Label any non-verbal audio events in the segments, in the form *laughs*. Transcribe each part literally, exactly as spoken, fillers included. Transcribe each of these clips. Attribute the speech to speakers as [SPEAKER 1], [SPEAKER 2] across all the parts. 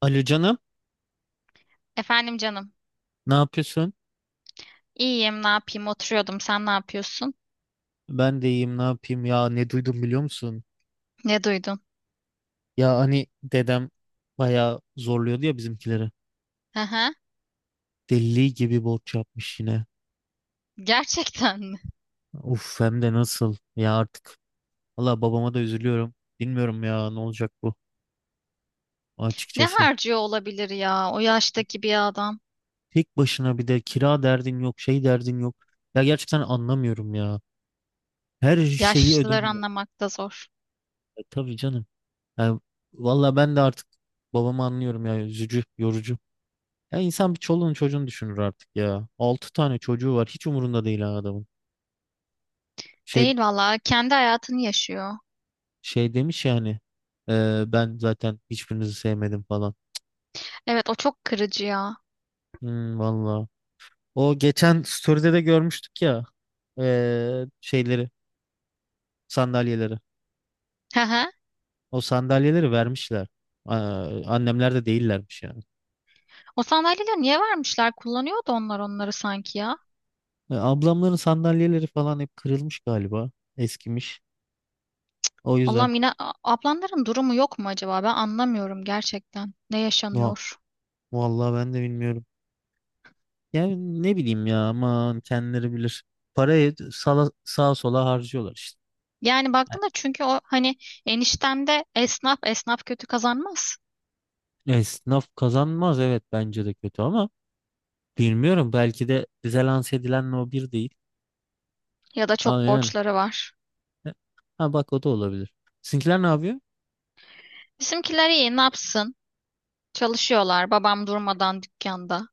[SPEAKER 1] Alo canım,
[SPEAKER 2] Efendim canım.
[SPEAKER 1] ne yapıyorsun?
[SPEAKER 2] İyiyim, ne yapayım? Oturuyordum. Sen ne yapıyorsun?
[SPEAKER 1] Ben de iyiyim, ne yapayım ya? Ne duydum biliyor musun?
[SPEAKER 2] Ne duydun?
[SPEAKER 1] Ya hani dedem bayağı zorluyordu ya bizimkileri.
[SPEAKER 2] Aha,
[SPEAKER 1] Deli gibi borç yapmış yine.
[SPEAKER 2] gerçekten mi? *laughs*
[SPEAKER 1] Uf hem de nasıl ya artık. Valla babama da üzülüyorum. Bilmiyorum ya ne olacak bu
[SPEAKER 2] Ne
[SPEAKER 1] açıkçası.
[SPEAKER 2] harcıyor olabilir ya o yaştaki bir adam?
[SPEAKER 1] Tek başına bir de kira derdin yok, şey derdin yok. Ya gerçekten anlamıyorum ya. Her şeyi
[SPEAKER 2] Yaşlıları
[SPEAKER 1] ödeniyor.
[SPEAKER 2] anlamak da zor.
[SPEAKER 1] E, tabii canım. Yani, valla ben de artık babamı anlıyorum ya. Üzücü, yorucu. Ya insan bir çoluğunu çocuğunu düşünür artık ya. Altı tane çocuğu var. Hiç umurunda değil ha adamın. Şey
[SPEAKER 2] Değil valla. Kendi hayatını yaşıyor.
[SPEAKER 1] şey demiş yani. "Ee, ben zaten hiçbirinizi sevmedim falan."
[SPEAKER 2] Evet, o çok kırıcı ya.
[SPEAKER 1] Hmm, valla. O geçen story'de de görmüştük ya. Ee, şeyleri, sandalyeleri.
[SPEAKER 2] Aha.
[SPEAKER 1] O sandalyeleri vermişler. Aa, annemler de değillermiş yani.
[SPEAKER 2] O sandalyeleri niye vermişler? Kullanıyordu onlar onları sanki ya.
[SPEAKER 1] E, ablamların sandalyeleri falan hep kırılmış galiba. Eskimiş. O yüzden.
[SPEAKER 2] Allah'ım yine a- ablanların durumu yok mu acaba? Ben anlamıyorum gerçekten. Ne
[SPEAKER 1] No.
[SPEAKER 2] yaşanıyor?
[SPEAKER 1] Vallahi ben de bilmiyorum. Yani ne bileyim ya aman kendileri bilir. Parayı sala, sağa sola harcıyorlar işte.
[SPEAKER 2] Yani baktığında çünkü o hani enişten de esnaf esnaf kötü kazanmaz.
[SPEAKER 1] Yani esnaf kazanmaz evet bence de kötü ama bilmiyorum belki de bize lanse edilen o bir değil.
[SPEAKER 2] Ya da
[SPEAKER 1] Ama
[SPEAKER 2] çok
[SPEAKER 1] yani.
[SPEAKER 2] borçları var.
[SPEAKER 1] Ha bak o da olabilir. Sizinkiler ne yapıyor?
[SPEAKER 2] Bizimkiler iyi, ne yapsın? Çalışıyorlar. Babam durmadan dükkanda.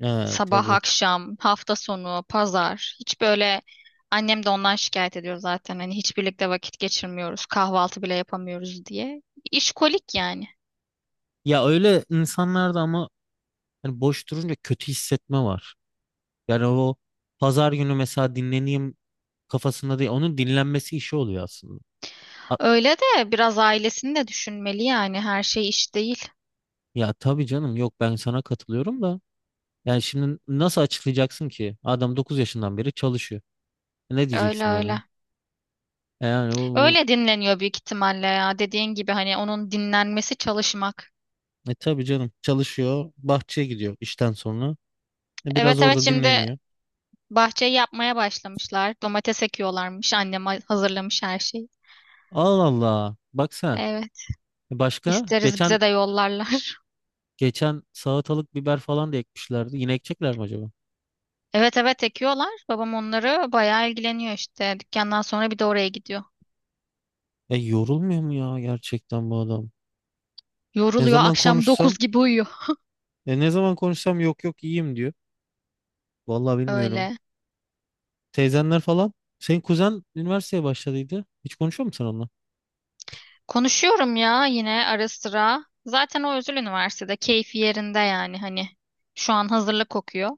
[SPEAKER 1] Ha,
[SPEAKER 2] Sabah,
[SPEAKER 1] tabii.
[SPEAKER 2] akşam, hafta sonu, pazar. Hiç böyle annem de ondan şikayet ediyor zaten. Hani hiç birlikte vakit geçirmiyoruz. Kahvaltı bile yapamıyoruz diye. İşkolik yani.
[SPEAKER 1] Ya öyle insanlarda ama hani boş durunca kötü hissetme var. Yani o pazar günü mesela dinleneyim kafasında değil. Onun dinlenmesi işi oluyor aslında. A-
[SPEAKER 2] Öyle de biraz ailesini de düşünmeli yani. Her şey iş değil.
[SPEAKER 1] Ya tabii canım yok ben sana katılıyorum da. Yani şimdi nasıl açıklayacaksın ki? Adam dokuz yaşından beri çalışıyor. Ne
[SPEAKER 2] Öyle
[SPEAKER 1] diyeceksin yani?
[SPEAKER 2] öyle.
[SPEAKER 1] E, yani o, o-
[SPEAKER 2] Öyle dinleniyor büyük ihtimalle ya. Dediğin gibi hani onun dinlenmesi çalışmak.
[SPEAKER 1] e tabii canım çalışıyor. Bahçeye gidiyor işten sonra. E, biraz
[SPEAKER 2] Evet evet,
[SPEAKER 1] orada
[SPEAKER 2] şimdi
[SPEAKER 1] dinleniyor.
[SPEAKER 2] bahçeyi yapmaya başlamışlar. Domates ekiyorlarmış. Annem ha- hazırlamış her şeyi.
[SPEAKER 1] Allah Allah. Bak sen.
[SPEAKER 2] Evet.
[SPEAKER 1] E, başka?
[SPEAKER 2] isteriz
[SPEAKER 1] Geçen
[SPEAKER 2] bize de yollarlar. *laughs*
[SPEAKER 1] geçen salatalık biber falan da ekmişlerdi. Yine ekecekler mi acaba?
[SPEAKER 2] Evet evet, ekiyorlar. Babam onları bayağı ilgileniyor işte. Dükkandan sonra bir de oraya gidiyor.
[SPEAKER 1] E, yorulmuyor mu ya gerçekten bu adam? Ne
[SPEAKER 2] Yoruluyor.
[SPEAKER 1] zaman
[SPEAKER 2] Akşam
[SPEAKER 1] konuşsam?
[SPEAKER 2] dokuz gibi uyuyor.
[SPEAKER 1] E, ne zaman konuşsam yok, yok iyiyim diyor. Vallahi bilmiyorum.
[SPEAKER 2] Öyle.
[SPEAKER 1] Teyzenler falan. Senin kuzen üniversiteye başladıydı. Hiç konuşuyor musun onunla?
[SPEAKER 2] Konuşuyorum ya yine ara sıra. Zaten o özel üniversitede. Keyfi yerinde yani hani. Şu an hazırlık kokuyor.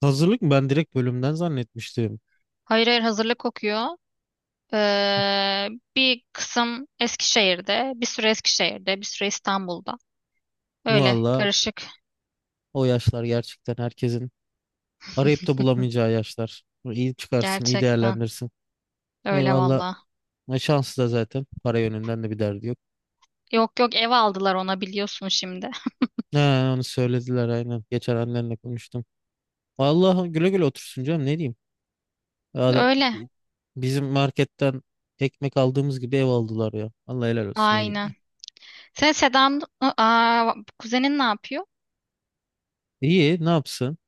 [SPEAKER 1] Hazırlık mı? Ben direkt bölümden zannetmiştim.
[SPEAKER 2] Hayır hayır, hazırlık kokuyor. Ee, Bir kısım Eskişehir'de, bir süre Eskişehir'de, bir süre İstanbul'da. Öyle
[SPEAKER 1] Valla
[SPEAKER 2] karışık.
[SPEAKER 1] o yaşlar gerçekten herkesin arayıp da bulamayacağı yaşlar. İyi çıkarsın, iyi
[SPEAKER 2] Gerçekten
[SPEAKER 1] değerlendirsin.
[SPEAKER 2] öyle
[SPEAKER 1] Eyvallah.
[SPEAKER 2] valla.
[SPEAKER 1] E, şansı da zaten. Para yönünden de bir derdi yok.
[SPEAKER 2] Yok yok, ev aldılar ona, biliyorsun şimdi.
[SPEAKER 1] Ha, onu söylediler aynen. Geçen annenle konuştum. Vallahi güle güle otursun canım ne diyeyim. Ya da-
[SPEAKER 2] Öyle.
[SPEAKER 1] Bizim marketten ekmek aldığımız gibi ev aldılar ya. Allah helal olsun ne diyeyim.
[SPEAKER 2] Aynen. Sen Sedan Aa, kuzenin ne yapıyor?
[SPEAKER 1] İyi ne yapsın?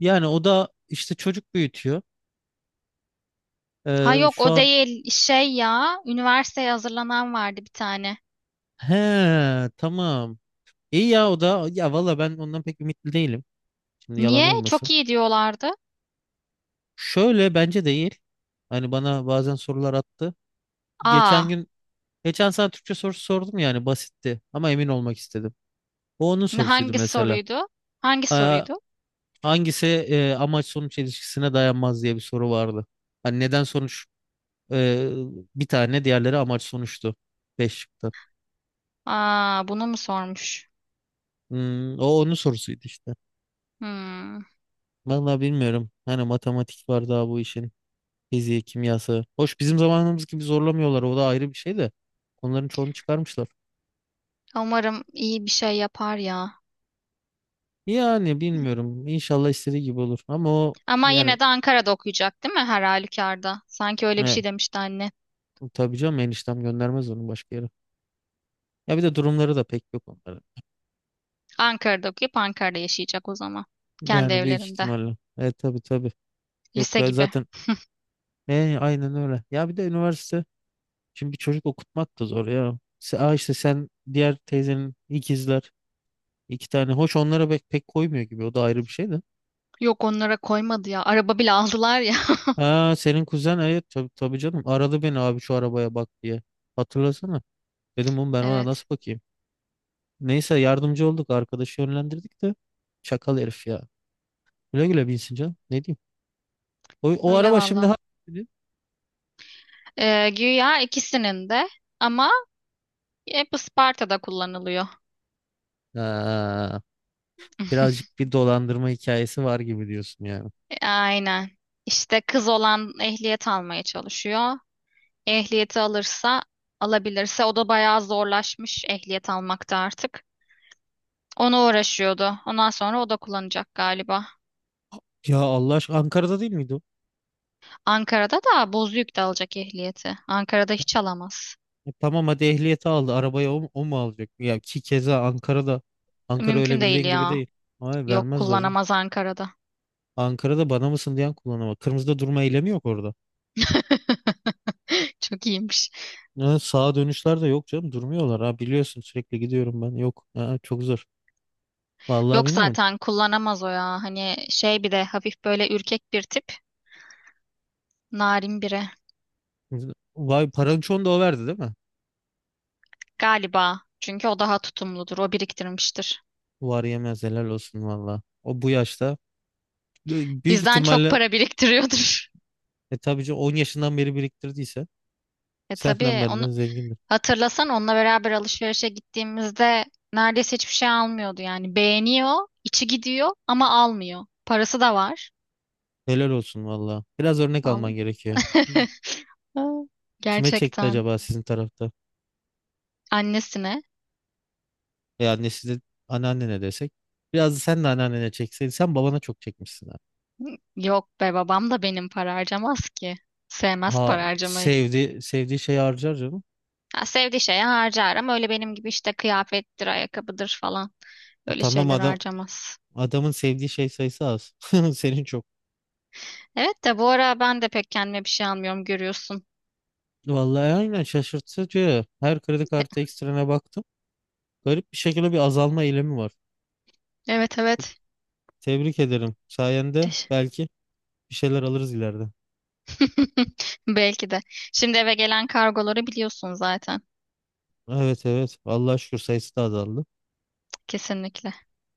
[SPEAKER 1] Yani o da işte çocuk büyütüyor.
[SPEAKER 2] Ha
[SPEAKER 1] Ee,
[SPEAKER 2] yok,
[SPEAKER 1] şu
[SPEAKER 2] o
[SPEAKER 1] an.
[SPEAKER 2] değil, şey ya, üniversiteye hazırlanan vardı bir tane.
[SPEAKER 1] He, tamam. İyi ya, o da ya valla ben ondan pek ümitli değilim. Şimdi yalan
[SPEAKER 2] Niye?
[SPEAKER 1] olmasın.
[SPEAKER 2] Çok iyi diyorlardı.
[SPEAKER 1] Şöyle bence değil. Hani bana bazen sorular attı. Geçen
[SPEAKER 2] Aa
[SPEAKER 1] gün Geçen sana Türkçe sorusu sordum yani basitti ama emin olmak istedim. O onun
[SPEAKER 2] ne-
[SPEAKER 1] sorusuydu
[SPEAKER 2] Hangi
[SPEAKER 1] mesela.
[SPEAKER 2] soruydu? Hangi
[SPEAKER 1] Ha,
[SPEAKER 2] soruydu?
[SPEAKER 1] hangisi e, amaç sonuç ilişkisine dayanmaz diye bir soru vardı. Hani neden sonuç, e, bir tane diğerleri amaç sonuçtu. Beş çıktı.
[SPEAKER 2] Aa, bunu mu sormuş?
[SPEAKER 1] Hmm, o onun sorusuydu işte.
[SPEAKER 2] Hmm.
[SPEAKER 1] Vallahi bilmiyorum. Hani matematik var daha bu işin. Fiziği, kimyası. Hoş bizim zamanımız gibi zorlamıyorlar. O da ayrı bir şey de. Onların çoğunu çıkarmışlar.
[SPEAKER 2] Umarım iyi bir şey yapar ya.
[SPEAKER 1] Yani bilmiyorum. İnşallah istediği gibi olur. Ama o.
[SPEAKER 2] Ama
[SPEAKER 1] Yani,
[SPEAKER 2] yine de Ankara'da okuyacak değil mi her halükarda? Sanki öyle bir
[SPEAKER 1] e,
[SPEAKER 2] şey demişti anne.
[SPEAKER 1] tabii canım eniştem göndermez onu başka yere. Ya bir de durumları da pek yok onların.
[SPEAKER 2] Ankara'da okuyup Ankara'da yaşayacak o zaman. Kendi
[SPEAKER 1] Yani büyük
[SPEAKER 2] evlerinde.
[SPEAKER 1] ihtimalle. E, tabii tabii. Yok
[SPEAKER 2] Lise
[SPEAKER 1] ya
[SPEAKER 2] gibi.
[SPEAKER 1] zaten, e, aynen öyle. Ya bir de üniversite. Şimdi bir çocuk okutmak da zor ya. Se- Aa, işte sen diğer teyzenin ikizler. iki tane. Hoş onlara pek, pek koymuyor gibi. O da ayrı bir şey de.
[SPEAKER 2] Yok, onlara koymadı ya. Araba bile aldılar ya. *laughs*
[SPEAKER 1] Ha senin kuzen, evet tabii, tabii canım aradı beni abi şu arabaya bak diye. Hatırlasana. Dedim oğlum ben ona
[SPEAKER 2] Evet.
[SPEAKER 1] nasıl bakayım. Neyse yardımcı olduk arkadaşı yönlendirdik de. Çakal herif ya. Güle güle binsin canım. Ne diyeyim. O, o
[SPEAKER 2] Öyle
[SPEAKER 1] araba şimdi
[SPEAKER 2] valla.
[SPEAKER 1] ha.
[SPEAKER 2] Ee, güya ikisinin de, ama hep Isparta'da kullanılıyor.
[SPEAKER 1] Ha,
[SPEAKER 2] *laughs*
[SPEAKER 1] birazcık bir dolandırma hikayesi var gibi diyorsun yani.
[SPEAKER 2] Aynen. İşte kız olan ehliyet almaya çalışıyor. Ehliyeti alırsa, alabilirse, o da bayağı zorlaşmış ehliyet almakta artık. Ona uğraşıyordu. Ondan sonra o da kullanacak galiba.
[SPEAKER 1] Ya Allah aşkına Ankara'da değil miydi o?
[SPEAKER 2] Ankara'da da Bozüyük'te alacak ehliyeti. Ankara'da hiç alamaz.
[SPEAKER 1] E, tamam hadi ehliyeti aldı. Arabayı o, mu- o mu alacak? Ya ki keza Ankara'da. Ankara öyle
[SPEAKER 2] Mümkün değil
[SPEAKER 1] bildiğin gibi
[SPEAKER 2] ya.
[SPEAKER 1] değil. Hayır,
[SPEAKER 2] Yok,
[SPEAKER 1] vermezler canım.
[SPEAKER 2] kullanamaz Ankara'da.
[SPEAKER 1] Ankara'da bana mısın diyen kullanıma. Kırmızıda durma eylemi yok orada.
[SPEAKER 2] *laughs* Çok iyiymiş.
[SPEAKER 1] Ha, sağa dönüşler de yok canım. Durmuyorlar ha, biliyorsun sürekli gidiyorum ben. Yok ha, çok zor. Vallahi
[SPEAKER 2] Yok,
[SPEAKER 1] bilmiyorum.
[SPEAKER 2] zaten kullanamaz o ya. Hani şey, bir de hafif böyle ürkek bir tip. Narin biri.
[SPEAKER 1] Vay parançon da o verdi değil mi?
[SPEAKER 2] Galiba. Çünkü o daha tutumludur. O biriktirmiştir.
[SPEAKER 1] Var yemez helal olsun valla. O bu yaşta. Büyük
[SPEAKER 2] Bizden çok
[SPEAKER 1] ihtimalle.
[SPEAKER 2] para biriktiriyordur. *laughs*
[SPEAKER 1] E, tabii ki on yaşından beri biriktirdiyse
[SPEAKER 2] E
[SPEAKER 1] senden
[SPEAKER 2] tabii, onu
[SPEAKER 1] benden zengindir.
[SPEAKER 2] hatırlasan, onunla beraber alışverişe gittiğimizde neredeyse hiçbir şey almıyordu yani. Beğeniyor, içi gidiyor, ama almıyor. Parası da var.
[SPEAKER 1] Helal olsun valla. Biraz örnek alman
[SPEAKER 2] Vallahi.
[SPEAKER 1] gerekiyor.
[SPEAKER 2] *laughs*
[SPEAKER 1] Kime çekti
[SPEAKER 2] Gerçekten.
[SPEAKER 1] acaba sizin tarafta?
[SPEAKER 2] Annesine.
[SPEAKER 1] E, annesi de anneannene desek. Biraz da sen de anneannene çekseydin. Sen babana çok çekmişsin.
[SPEAKER 2] Yok be, babam da benim para harcamaz ki. Sevmez para
[SPEAKER 1] Ha,
[SPEAKER 2] harcamayı.
[SPEAKER 1] sevdi sevdiği şeyi harcar canım.
[SPEAKER 2] Ha, sevdiği şeye harcar ama öyle benim gibi işte, kıyafettir, ayakkabıdır falan.
[SPEAKER 1] Ha,
[SPEAKER 2] Öyle
[SPEAKER 1] tamam
[SPEAKER 2] şeyler
[SPEAKER 1] adam
[SPEAKER 2] harcamaz.
[SPEAKER 1] adamın sevdiği şey sayısı az. *laughs* Senin çok.
[SPEAKER 2] Evet de bu ara ben de pek kendime bir şey almıyorum, görüyorsun.
[SPEAKER 1] Vallahi aynen şaşırtıcı. Her kredi kartı ekstrene baktım. Garip bir şekilde bir azalma eğilimi var.
[SPEAKER 2] Evet
[SPEAKER 1] Te-
[SPEAKER 2] evet.
[SPEAKER 1] Tebrik ederim. Sayende
[SPEAKER 2] Teş-
[SPEAKER 1] belki bir şeyler alırız ileride.
[SPEAKER 2] *laughs* Belki de. Şimdi eve gelen kargoları biliyorsun zaten.
[SPEAKER 1] Evet, evet. Allah'a şükür sayısı da azaldı.
[SPEAKER 2] Kesinlikle.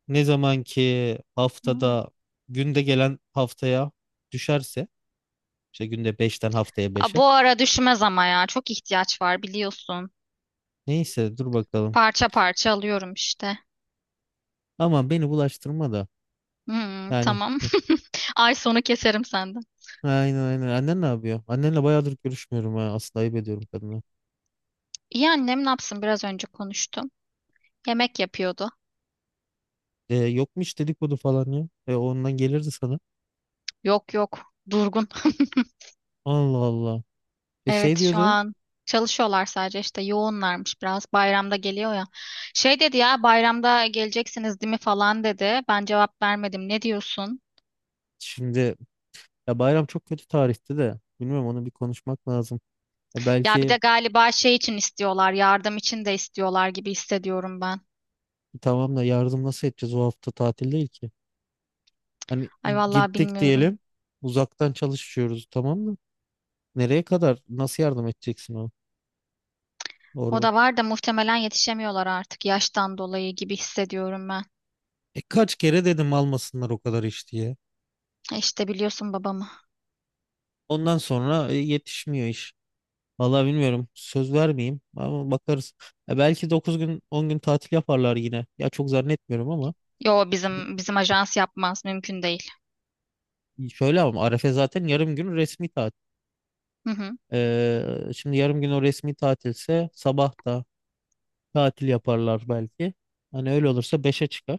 [SPEAKER 1] Ne zaman ki
[SPEAKER 2] Hmm.
[SPEAKER 1] haftada günde gelen haftaya düşerse işte günde beşten haftaya
[SPEAKER 2] Aa,
[SPEAKER 1] beşe.
[SPEAKER 2] bu ara düşmez ama ya. Çok ihtiyaç var, biliyorsun.
[SPEAKER 1] Neyse dur bakalım.
[SPEAKER 2] Parça parça alıyorum işte.
[SPEAKER 1] Ama beni bulaştırma da.
[SPEAKER 2] Hmm,
[SPEAKER 1] Yani.
[SPEAKER 2] tamam. *laughs* Ay sonu keserim senden.
[SPEAKER 1] Aynen, aynen. Annen ne yapıyor? Annenle bayağıdır görüşmüyorum ha. Aslında ayıp ediyorum kadına.
[SPEAKER 2] İyi, annem ne yapsın, biraz önce konuştum. Yemek yapıyordu.
[SPEAKER 1] E, yok mu hiç dedikodu falan ya? E, ondan gelirdi sana.
[SPEAKER 2] Yok yok, durgun. *laughs*
[SPEAKER 1] Allah Allah. E, şey
[SPEAKER 2] Evet, şu
[SPEAKER 1] diyordu.
[SPEAKER 2] an çalışıyorlar sadece, işte yoğunlarmış biraz. Bayramda geliyor ya. Şey dedi ya, bayramda geleceksiniz değil mi falan dedi. Ben cevap vermedim. Ne diyorsun?
[SPEAKER 1] Şimdi, ya bayram çok kötü tarihti de. Bilmiyorum onu bir konuşmak lazım. E,
[SPEAKER 2] Ya bir de
[SPEAKER 1] belki.
[SPEAKER 2] galiba şey için istiyorlar. Yardım için de istiyorlar gibi hissediyorum ben.
[SPEAKER 1] Tamam da, yardım nasıl edeceğiz? O hafta tatil değil ki. Hani
[SPEAKER 2] Ay vallahi
[SPEAKER 1] gittik
[SPEAKER 2] bilmiyorum.
[SPEAKER 1] diyelim. Uzaktan çalışıyoruz tamam mı? Nereye kadar? Nasıl yardım edeceksin o
[SPEAKER 2] O
[SPEAKER 1] orada?
[SPEAKER 2] da var da, muhtemelen yetişemiyorlar artık yaştan dolayı gibi hissediyorum ben.
[SPEAKER 1] E, kaç kere dedim almasınlar o kadar iş diye.
[SPEAKER 2] E İşte, biliyorsun babamı.
[SPEAKER 1] Ondan sonra e, yetişmiyor iş. Vallahi bilmiyorum. Söz vermeyeyim ama bakarız. E, belki dokuz gün on gün tatil yaparlar yine. Ya çok zannetmiyorum ama.
[SPEAKER 2] Yo,
[SPEAKER 1] Şimdi
[SPEAKER 2] bizim bizim ajans yapmaz, mümkün değil.
[SPEAKER 1] şöyle ama Arefe zaten yarım gün resmi tatil.
[SPEAKER 2] Hı hı.
[SPEAKER 1] E, şimdi yarım gün o resmi tatilse sabah da tatil yaparlar belki. Hani öyle olursa beşe çıkar.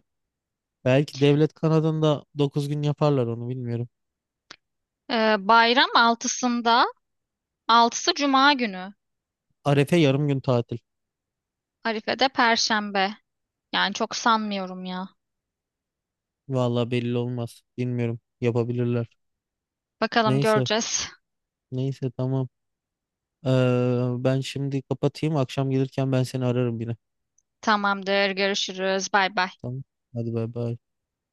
[SPEAKER 1] Belki devlet kanadında dokuz gün yaparlar onu bilmiyorum.
[SPEAKER 2] Ee, bayram altısında, altısı Cuma günü.
[SPEAKER 1] Arefe yarım gün tatil.
[SPEAKER 2] Arife'de Perşembe. Yani çok sanmıyorum ya.
[SPEAKER 1] Vallahi belli olmaz. Bilmiyorum. Yapabilirler.
[SPEAKER 2] Bakalım,
[SPEAKER 1] Neyse.
[SPEAKER 2] göreceğiz.
[SPEAKER 1] Neyse tamam. Ee, ben şimdi kapatayım. Akşam gelirken ben seni ararım yine.
[SPEAKER 2] Tamamdır, görüşürüz. Bay bay.
[SPEAKER 1] Tamam. Hadi bay bay.